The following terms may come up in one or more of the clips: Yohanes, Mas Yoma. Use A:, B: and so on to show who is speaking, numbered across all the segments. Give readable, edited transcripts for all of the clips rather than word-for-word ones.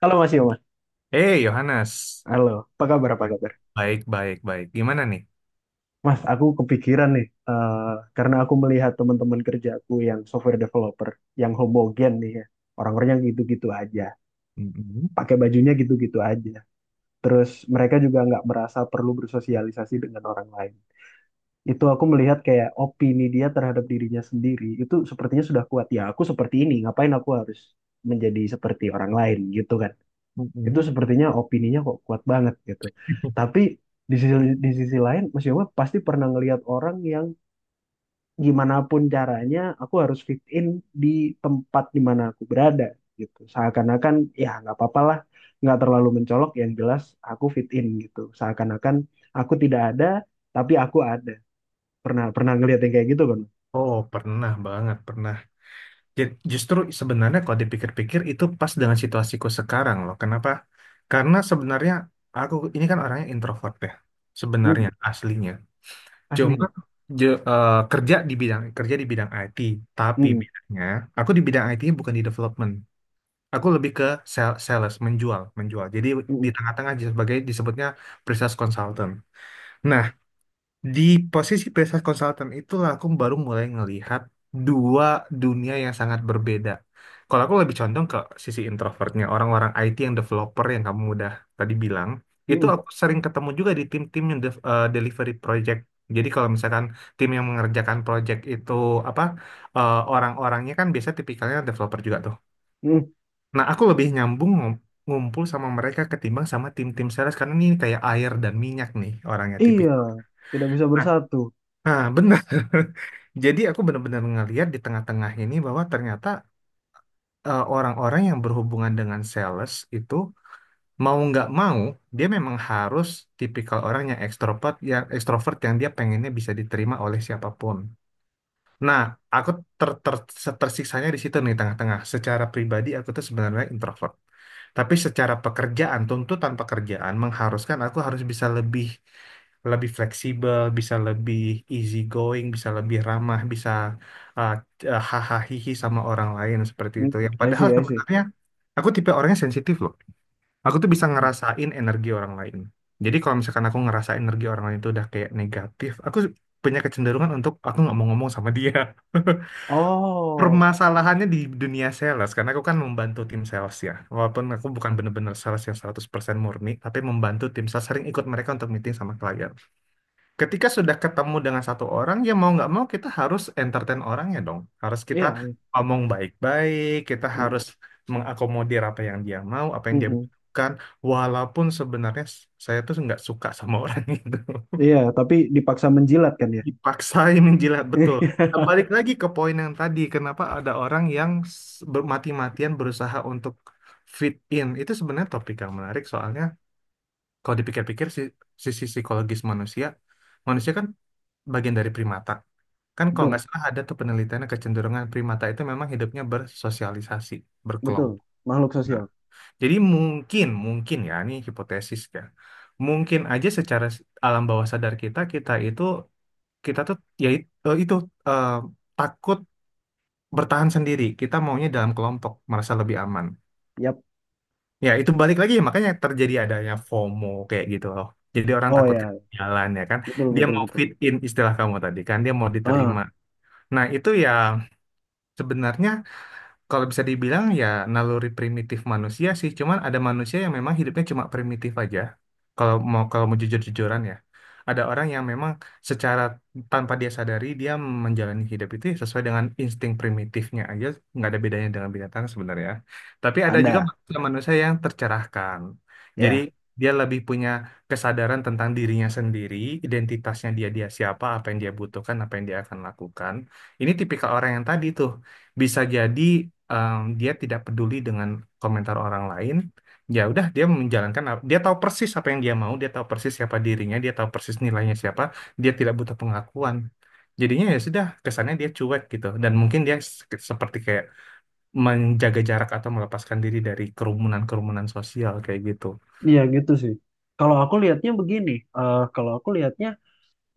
A: Halo Mas Yoma,
B: Eh, Yohanes.
A: halo. Apa kabar? Apa kabar?
B: Baik, baik, baik. Gimana nih?
A: Mas, aku kepikiran nih, karena aku melihat teman-teman kerjaku yang software developer, yang homogen nih ya, orang-orangnya gitu-gitu aja,
B: Mm-mm,
A: pakai bajunya gitu-gitu aja. Terus mereka juga nggak merasa perlu bersosialisasi dengan orang lain. Itu aku melihat kayak opini dia terhadap dirinya sendiri itu sepertinya sudah kuat. Ya, aku seperti ini, ngapain aku harus menjadi seperti orang lain gitu kan? Itu
B: mm-mm.
A: sepertinya opininya kok kuat banget gitu. Tapi di sisi di sisi lain Mas Yoma pasti pernah ngelihat orang yang gimana pun caranya aku harus fit in di tempat di mana aku berada gitu. Seakan-akan ya nggak apa-apa lah, nggak terlalu mencolok yang jelas aku fit in gitu. Seakan-akan aku tidak ada tapi aku ada. Pernah pernah ngelihat yang kayak gitu kan?
B: Oh, pernah banget, pernah. Justru sebenarnya kalau dipikir-pikir itu pas dengan situasiku sekarang loh. Kenapa? Karena sebenarnya aku ini kan orangnya introvert ya. Sebenarnya
A: Mm,
B: aslinya. Cuma
A: aslinya.
B: kerja di bidang IT, tapi
A: Mm-mm,
B: bidangnya aku di bidang IT bukan di development. Aku lebih ke sales, menjual, menjual. Jadi di
A: mm-mm,
B: tengah-tengah sebagai disebutnya pre-sales consultant. Nah, di posisi business consultant itulah aku baru mulai ngelihat dua dunia yang sangat berbeda. Kalau aku lebih condong ke sisi introvertnya, orang-orang IT yang developer yang kamu udah tadi bilang, itu
A: mm-mm,
B: aku sering ketemu juga di tim-tim yang delivery project. Jadi kalau misalkan tim yang mengerjakan project itu apa orang-orangnya kan biasa tipikalnya developer juga tuh.
A: mm-mm.
B: Nah, aku lebih nyambung ngumpul sama mereka ketimbang sama tim-tim sales karena ini kayak air dan minyak nih orangnya
A: Iya,
B: tipikal.
A: tidak bisa bersatu.
B: Nah, benar. Jadi aku benar-benar ngelihat di tengah-tengah ini bahwa ternyata orang-orang yang berhubungan dengan sales itu mau nggak mau dia memang harus tipikal orang yang ekstrovert, yang ekstrovert yang dia pengennya bisa diterima oleh siapapun. Nah, aku ter ter tersiksanya di situ nih tengah-tengah. Secara pribadi aku tuh sebenarnya introvert. Tapi secara pekerjaan, tuntutan pekerjaan mengharuskan aku harus bisa lebih lebih fleksibel, bisa lebih easy going, bisa lebih ramah, bisa uh, hahaha hihi sama orang lain seperti
A: Mm,
B: itu. Yang
A: I
B: padahal
A: see, I see.
B: sebenarnya aku tipe orangnya sensitif loh. Aku tuh bisa
A: Mm.
B: ngerasain energi orang lain. Jadi kalau misalkan aku ngerasa energi orang lain itu udah kayak negatif, aku punya kecenderungan untuk aku nggak mau ngomong sama dia.
A: Oh.
B: Permasalahannya di dunia sales, karena aku kan membantu tim sales ya, walaupun aku bukan benar-benar sales yang 100% murni, tapi membantu tim sales, sering ikut mereka untuk meeting sama klien. Ketika sudah ketemu dengan satu orang, ya mau nggak mau kita harus entertain orangnya dong, harus
A: Iya,
B: kita
A: iya.
B: ngomong baik-baik, kita
A: Mm,
B: harus mengakomodir apa yang dia mau, apa
A: mm,
B: yang dia
A: mm.
B: butuhkan, walaupun sebenarnya saya tuh nggak suka sama orang itu.
A: Iya, tapi dipaksa menjilat kan ya.
B: Dipaksain menjilat, betul. Nah, balik lagi ke poin yang tadi, kenapa ada orang yang mati-matian berusaha untuk fit in. Itu sebenarnya topik yang menarik, soalnya kalau dipikir-pikir sisi psikologis manusia, manusia kan bagian dari primata. Kan kalau
A: Betul,
B: nggak salah ada tuh penelitiannya, kecenderungan primata itu memang hidupnya bersosialisasi,
A: betul.
B: berkelompok.
A: Makhluk
B: Nah,
A: sosial.
B: jadi mungkin, mungkin ya, ini hipotesis ya. Mungkin aja secara alam bawah sadar kita, kita itu kita tuh ya itu eh, takut bertahan sendiri. Kita maunya dalam kelompok, merasa lebih aman.
A: Yap.
B: Ya itu balik lagi ya, makanya terjadi adanya FOMO kayak gitu loh. Jadi orang
A: Oh
B: takut
A: ya,
B: ketinggalan ya kan.
A: betul,
B: Dia
A: betul,
B: mau
A: betul.
B: fit in, istilah kamu tadi kan, dia mau
A: Ah,
B: diterima. Nah itu ya sebenarnya, kalau bisa dibilang ya, naluri primitif manusia sih, cuman ada manusia yang memang hidupnya cuma primitif aja. Kalau mau jujur-jujuran ya. Ada orang yang memang secara tanpa dia sadari dia menjalani hidup itu ya sesuai dengan insting primitifnya aja, nggak ada bedanya dengan binatang sebenarnya. Tapi ada juga
A: ada.
B: manusia manusia yang tercerahkan. Jadi
A: Ya.
B: dia lebih punya kesadaran tentang dirinya sendiri, identitasnya dia dia siapa, apa yang dia butuhkan, apa yang dia akan lakukan. Ini tipikal orang yang tadi tuh, bisa jadi dia tidak peduli dengan komentar orang lain. Ya udah dia menjalankan dia tahu persis apa yang dia mau, dia tahu persis siapa dirinya, dia tahu persis nilainya siapa, dia tidak butuh pengakuan. Jadinya ya sudah kesannya dia cuek gitu, dan mungkin dia seperti kayak menjaga jarak atau melepaskan diri dari kerumunan-kerumunan sosial kayak gitu.
A: Iya gitu sih. Kalau aku lihatnya begini, kalau aku lihatnya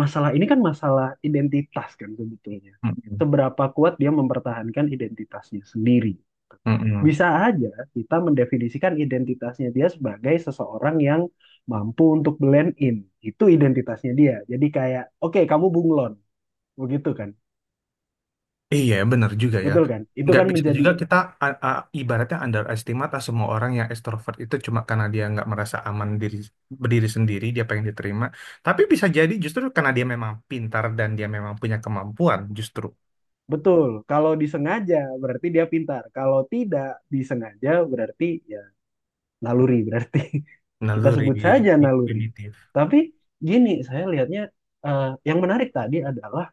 A: masalah ini kan masalah identitas kan sebetulnya.
B: Mm-mm.
A: Seberapa kuat dia mempertahankan identitasnya sendiri.
B: Mm-mm.
A: Bisa aja kita mendefinisikan identitasnya dia sebagai seseorang yang mampu untuk blend in. Itu identitasnya dia. Jadi kayak, oke kamu bunglon, begitu kan?
B: Iya, benar juga ya.
A: Betul kan? Itu
B: Nggak.
A: kan
B: Iya, bisa
A: menjadi
B: juga kita ibaratnya underestimate lah semua orang yang ekstrovert itu cuma karena dia nggak merasa aman diri berdiri sendiri, dia pengen diterima. Tapi bisa jadi justru karena dia memang pintar dan dia memang punya kemampuan justru
A: betul. Kalau disengaja berarti dia pintar. Kalau tidak disengaja berarti ya naluri berarti. Kita
B: naluri.
A: sebut saja
B: Betul.
A: naluri.
B: Primitif.
A: Tapi gini, saya lihatnya yang menarik tadi adalah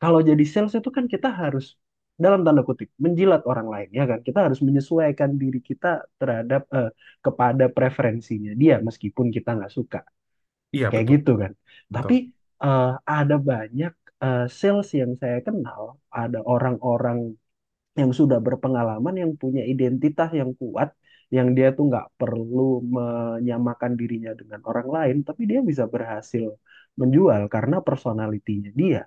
A: kalau jadi sales itu kan kita harus dalam tanda kutip menjilat orang lain ya kan kita harus menyesuaikan diri kita terhadap kepada preferensinya dia meskipun kita nggak suka
B: Iya,
A: kayak
B: betul,
A: gitu kan
B: betul.
A: tapi eh, ada banyak sales yang saya kenal ada orang-orang yang sudah berpengalaman yang punya identitas yang kuat yang dia tuh nggak perlu menyamakan dirinya dengan orang lain tapi dia bisa berhasil menjual karena personalitinya dia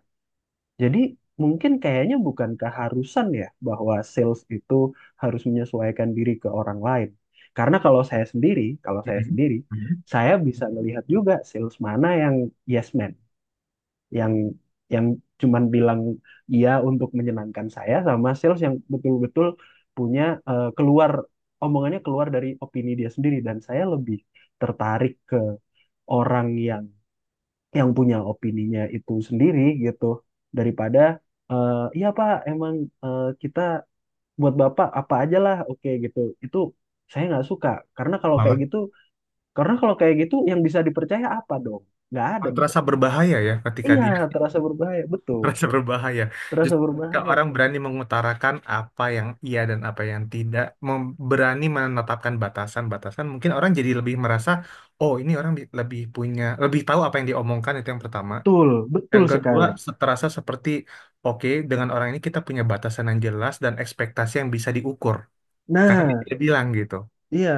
A: jadi mungkin kayaknya bukan keharusan ya bahwa sales itu harus menyesuaikan diri ke orang lain. Karena kalau saya sendiri, kalau saya
B: Mhm.
A: sendiri,
B: Mhm.
A: saya bisa melihat juga sales mana yang yes man, yang yang cuman bilang iya untuk menyenangkan saya sama sales yang betul-betul punya keluar omongannya keluar dari opini dia sendiri dan saya lebih tertarik ke orang yang punya opininya itu sendiri gitu daripada iya Pak emang kita buat Bapak apa aja lah oke gitu itu saya nggak suka karena kalau kayak
B: Malah
A: gitu karena kalau kayak gitu yang bisa dipercaya apa dong nggak ada
B: malah
A: dong
B: terasa berbahaya ya ketika
A: iya
B: dia
A: terasa berbahaya betul
B: merasa berbahaya.
A: terasa
B: Justru ketika
A: berbahaya
B: orang berani mengutarakan apa yang iya dan apa yang tidak, berani menetapkan batasan-batasan, mungkin orang jadi lebih merasa, oh ini orang lebih punya, lebih tahu apa yang diomongkan, itu yang pertama.
A: betul betul
B: Yang kedua,
A: sekali
B: terasa seperti, oke, dengan orang ini kita punya batasan yang jelas dan ekspektasi yang bisa diukur. Karena dia
A: nah
B: tidak bilang gitu.
A: iya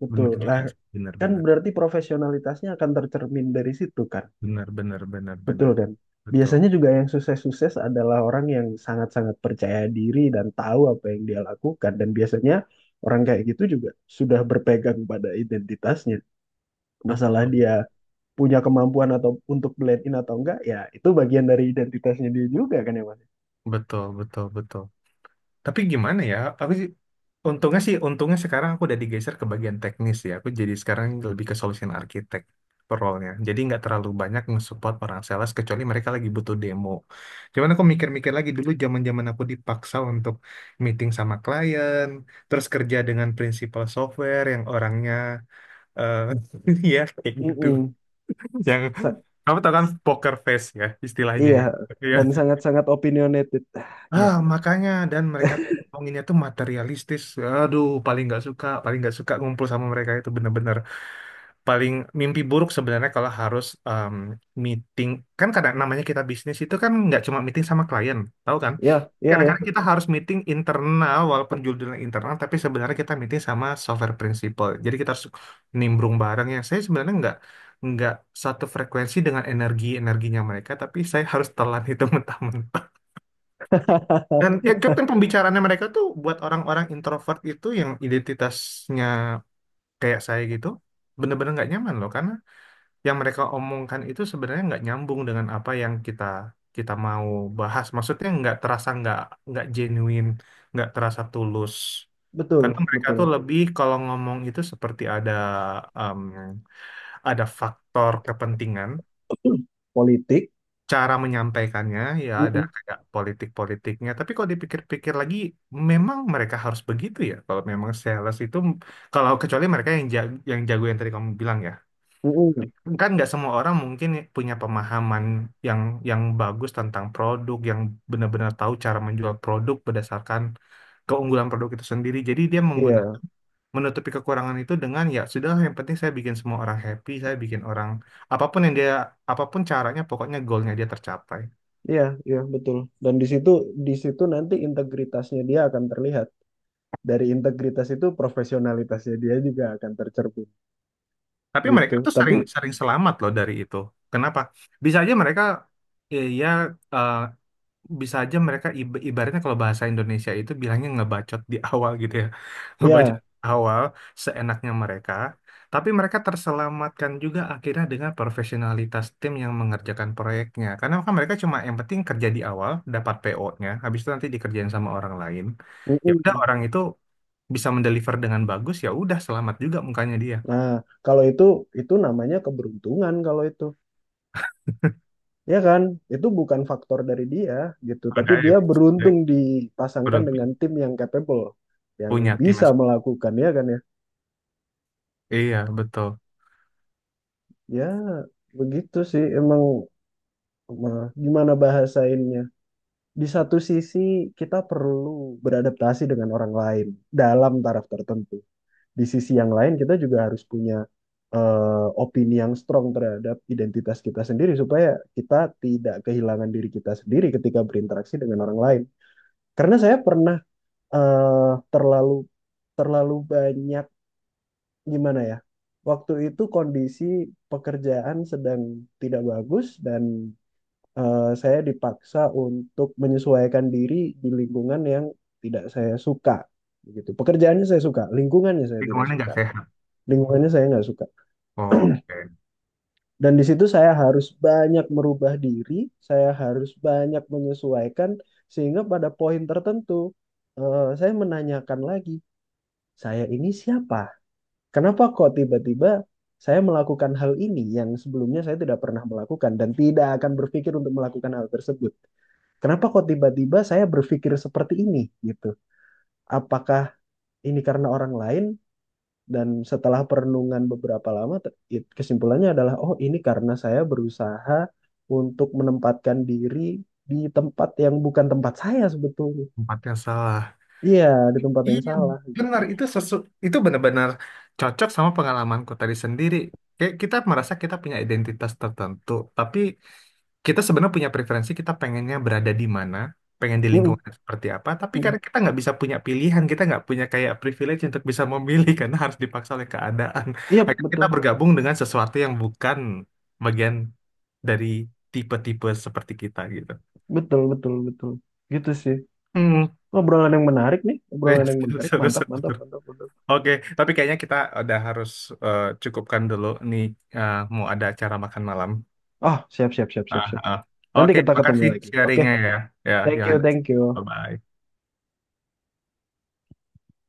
A: betul
B: Benar
A: lah
B: juga sih. Benar,
A: kan
B: benar.
A: berarti profesionalitasnya akan tercermin dari situ kan.
B: Benar, benar, benar,
A: Betul
B: benar.
A: kan?
B: Betul.
A: Biasanya juga yang sukses-sukses adalah orang yang sangat-sangat percaya diri dan tahu apa yang dia lakukan. Dan biasanya orang kayak gitu juga sudah berpegang pada identitasnya. Masalah dia
B: Betul,
A: punya kemampuan atau untuk blend in atau enggak, ya itu bagian dari identitasnya dia juga kan ya Mas?
B: betul, betul, betul. Tapi gimana ya? Untungnya sih, untungnya sekarang aku udah digeser ke bagian teknis ya. Aku jadi sekarang lebih ke solution architect role-nya. Jadi nggak terlalu banyak nge-support orang sales kecuali mereka lagi butuh demo. Cuman aku mikir-mikir lagi dulu zaman-zaman aku dipaksa untuk meeting sama klien, terus kerja dengan principal software yang orangnya eh ya kayak gitu.
A: Mm-mm.
B: Yang
A: Sa-
B: kamu tahu kan poker face ya istilahnya
A: Iya,
B: ya. Iya.
A: dan sangat-sangat opinionated. Ah, Iya,
B: Ah, makanya dan mereka tuh ngomonginnya tuh materialistis. Aduh, paling nggak suka ngumpul sama mereka itu bener-bener paling mimpi buruk sebenarnya kalau harus meeting. Kan kadang namanya kita bisnis itu kan nggak cuma meeting sama klien, tahu kan?
A: iya, iya, iya.
B: Kadang-kadang kita harus meeting internal walaupun judulnya internal, tapi sebenarnya kita meeting sama software principal. Jadi kita harus nimbrung bareng, yang saya sebenarnya nggak satu frekuensi dengan energinya mereka, tapi saya harus telan itu mentah-mentah. Dan ya, Grab kan pembicaraannya mereka tuh buat orang-orang introvert itu yang identitasnya kayak saya gitu, bener-bener nggak nyaman loh, karena yang mereka omongkan itu sebenarnya nggak nyambung dengan apa yang kita kita mau bahas. Maksudnya nggak terasa, nggak genuine, nggak terasa tulus. Karena
A: Betul,
B: mereka tuh
A: betul.
B: lebih kalau ngomong itu seperti ada em, ada faktor kepentingan
A: Politik.
B: cara menyampaikannya, ya ada
A: Mm-mm,
B: kayak politik-politiknya. Tapi kalau dipikir-pikir lagi memang mereka harus begitu ya, kalau memang sales itu, kecuali mereka yang jago, yang tadi kamu bilang ya
A: mm-mm.
B: kan. Nggak semua orang mungkin punya pemahaman yang yang bagus tentang produk, yang benar-benar tahu cara menjual produk berdasarkan keunggulan produk itu sendiri. Jadi dia
A: Iya.
B: menggunakan, menutupi kekurangan itu dengan ya sudah, yang penting saya bikin semua orang happy, saya bikin orang, apapun yang dia, apapun caranya, pokoknya goalnya dia tercapai.
A: Iya, iya betul. Dan di situ nanti integritasnya dia akan terlihat. Dari integritas itu profesionalitasnya dia juga akan tercermin
B: Tapi
A: gitu.
B: mereka tuh
A: Tapi
B: sering sering selamat loh dari itu. Kenapa? Bisa aja mereka, ya, ya, eh, ibaratnya kalau bahasa Indonesia itu bilangnya ngebacot di awal gitu ya. Ngebacot
A: ya,
B: di awal seenaknya mereka, tapi mereka terselamatkan juga akhirnya dengan profesionalitas tim yang mengerjakan proyeknya. Karena kan mereka cuma yang penting kerja di awal, dapat PO-nya, habis itu nanti dikerjain sama orang lain. Ya udah
A: mm-mm.
B: orang itu bisa mendeliver dengan bagus, ya udah selamat juga mukanya dia.
A: Nah, kalau itu namanya keberuntungan kalau itu. Ya kan? Itu bukan faktor dari dia gitu, tapi
B: Makanya
A: dia beruntung dipasangkan
B: udah
A: dengan tim yang capable, yang
B: punya tim
A: bisa melakukan ya kan ya.
B: iya, betul.
A: Ya, begitu sih emang eh, gimana bahasainnya di satu sisi kita perlu beradaptasi dengan orang lain dalam taraf tertentu. Di sisi yang lain kita juga harus punya opini yang strong terhadap identitas kita sendiri supaya kita tidak kehilangan diri kita sendiri ketika berinteraksi dengan orang lain. Karena saya pernah terlalu terlalu banyak gimana ya? Waktu itu kondisi pekerjaan sedang tidak bagus dan saya dipaksa untuk menyesuaikan diri di lingkungan yang tidak saya suka. Begitu. Pekerjaannya saya suka, lingkungannya saya tidak
B: Lingkungannya nggak
A: suka,
B: sehat.
A: lingkungannya saya nggak suka.
B: Oke.
A: Dan di situ saya harus banyak merubah diri, saya harus banyak menyesuaikan, sehingga pada poin tertentu saya menanyakan lagi, saya ini siapa? Kenapa kok tiba-tiba saya melakukan hal ini yang sebelumnya saya tidak pernah melakukan dan tidak akan berpikir untuk melakukan hal tersebut. Kenapa kok tiba-tiba saya berpikir seperti ini gitu? Apakah ini karena orang lain? Dan setelah perenungan beberapa lama, kesimpulannya adalah, oh ini karena saya berusaha untuk menempatkan diri di tempat yang bukan tempat saya sebetulnya.
B: Tempatnya salah.
A: Iya, di tempat
B: Iya,
A: yang salah.
B: benar. Itu benar-benar cocok sama pengalamanku tadi sendiri, kayak kita merasa kita punya identitas tertentu, tapi kita sebenarnya punya preferensi kita pengennya berada di mana, pengen di
A: Mm,
B: lingkungan yang seperti apa. Tapi
A: mm.
B: karena kita nggak bisa punya pilihan, kita nggak punya kayak privilege untuk bisa memilih karena harus dipaksa oleh keadaan,
A: Iya,
B: akhirnya kita
A: betul,
B: bergabung dengan sesuatu yang bukan bagian dari tipe-tipe seperti kita gitu.
A: betul, betul, betul. Gitu sih.
B: Hmm.
A: Obrolan yang menarik nih,
B: Seru,
A: obrolan yang menarik.
B: seru,
A: Mantap,
B: seru,
A: mantap,
B: seru.
A: mantap, mantap.
B: Oke, tapi kayaknya kita udah harus cukupkan dulu nih, mau ada acara makan malam.
A: Oh, siap, siap, siap, siap,
B: Ah,
A: siap.
B: ah.
A: Nanti
B: Oke,
A: kita ketemu
B: makasih
A: lagi. Oke,
B: sharingnya ya, ya
A: thank you,
B: Yohanes.
A: thank you.
B: Bye-bye.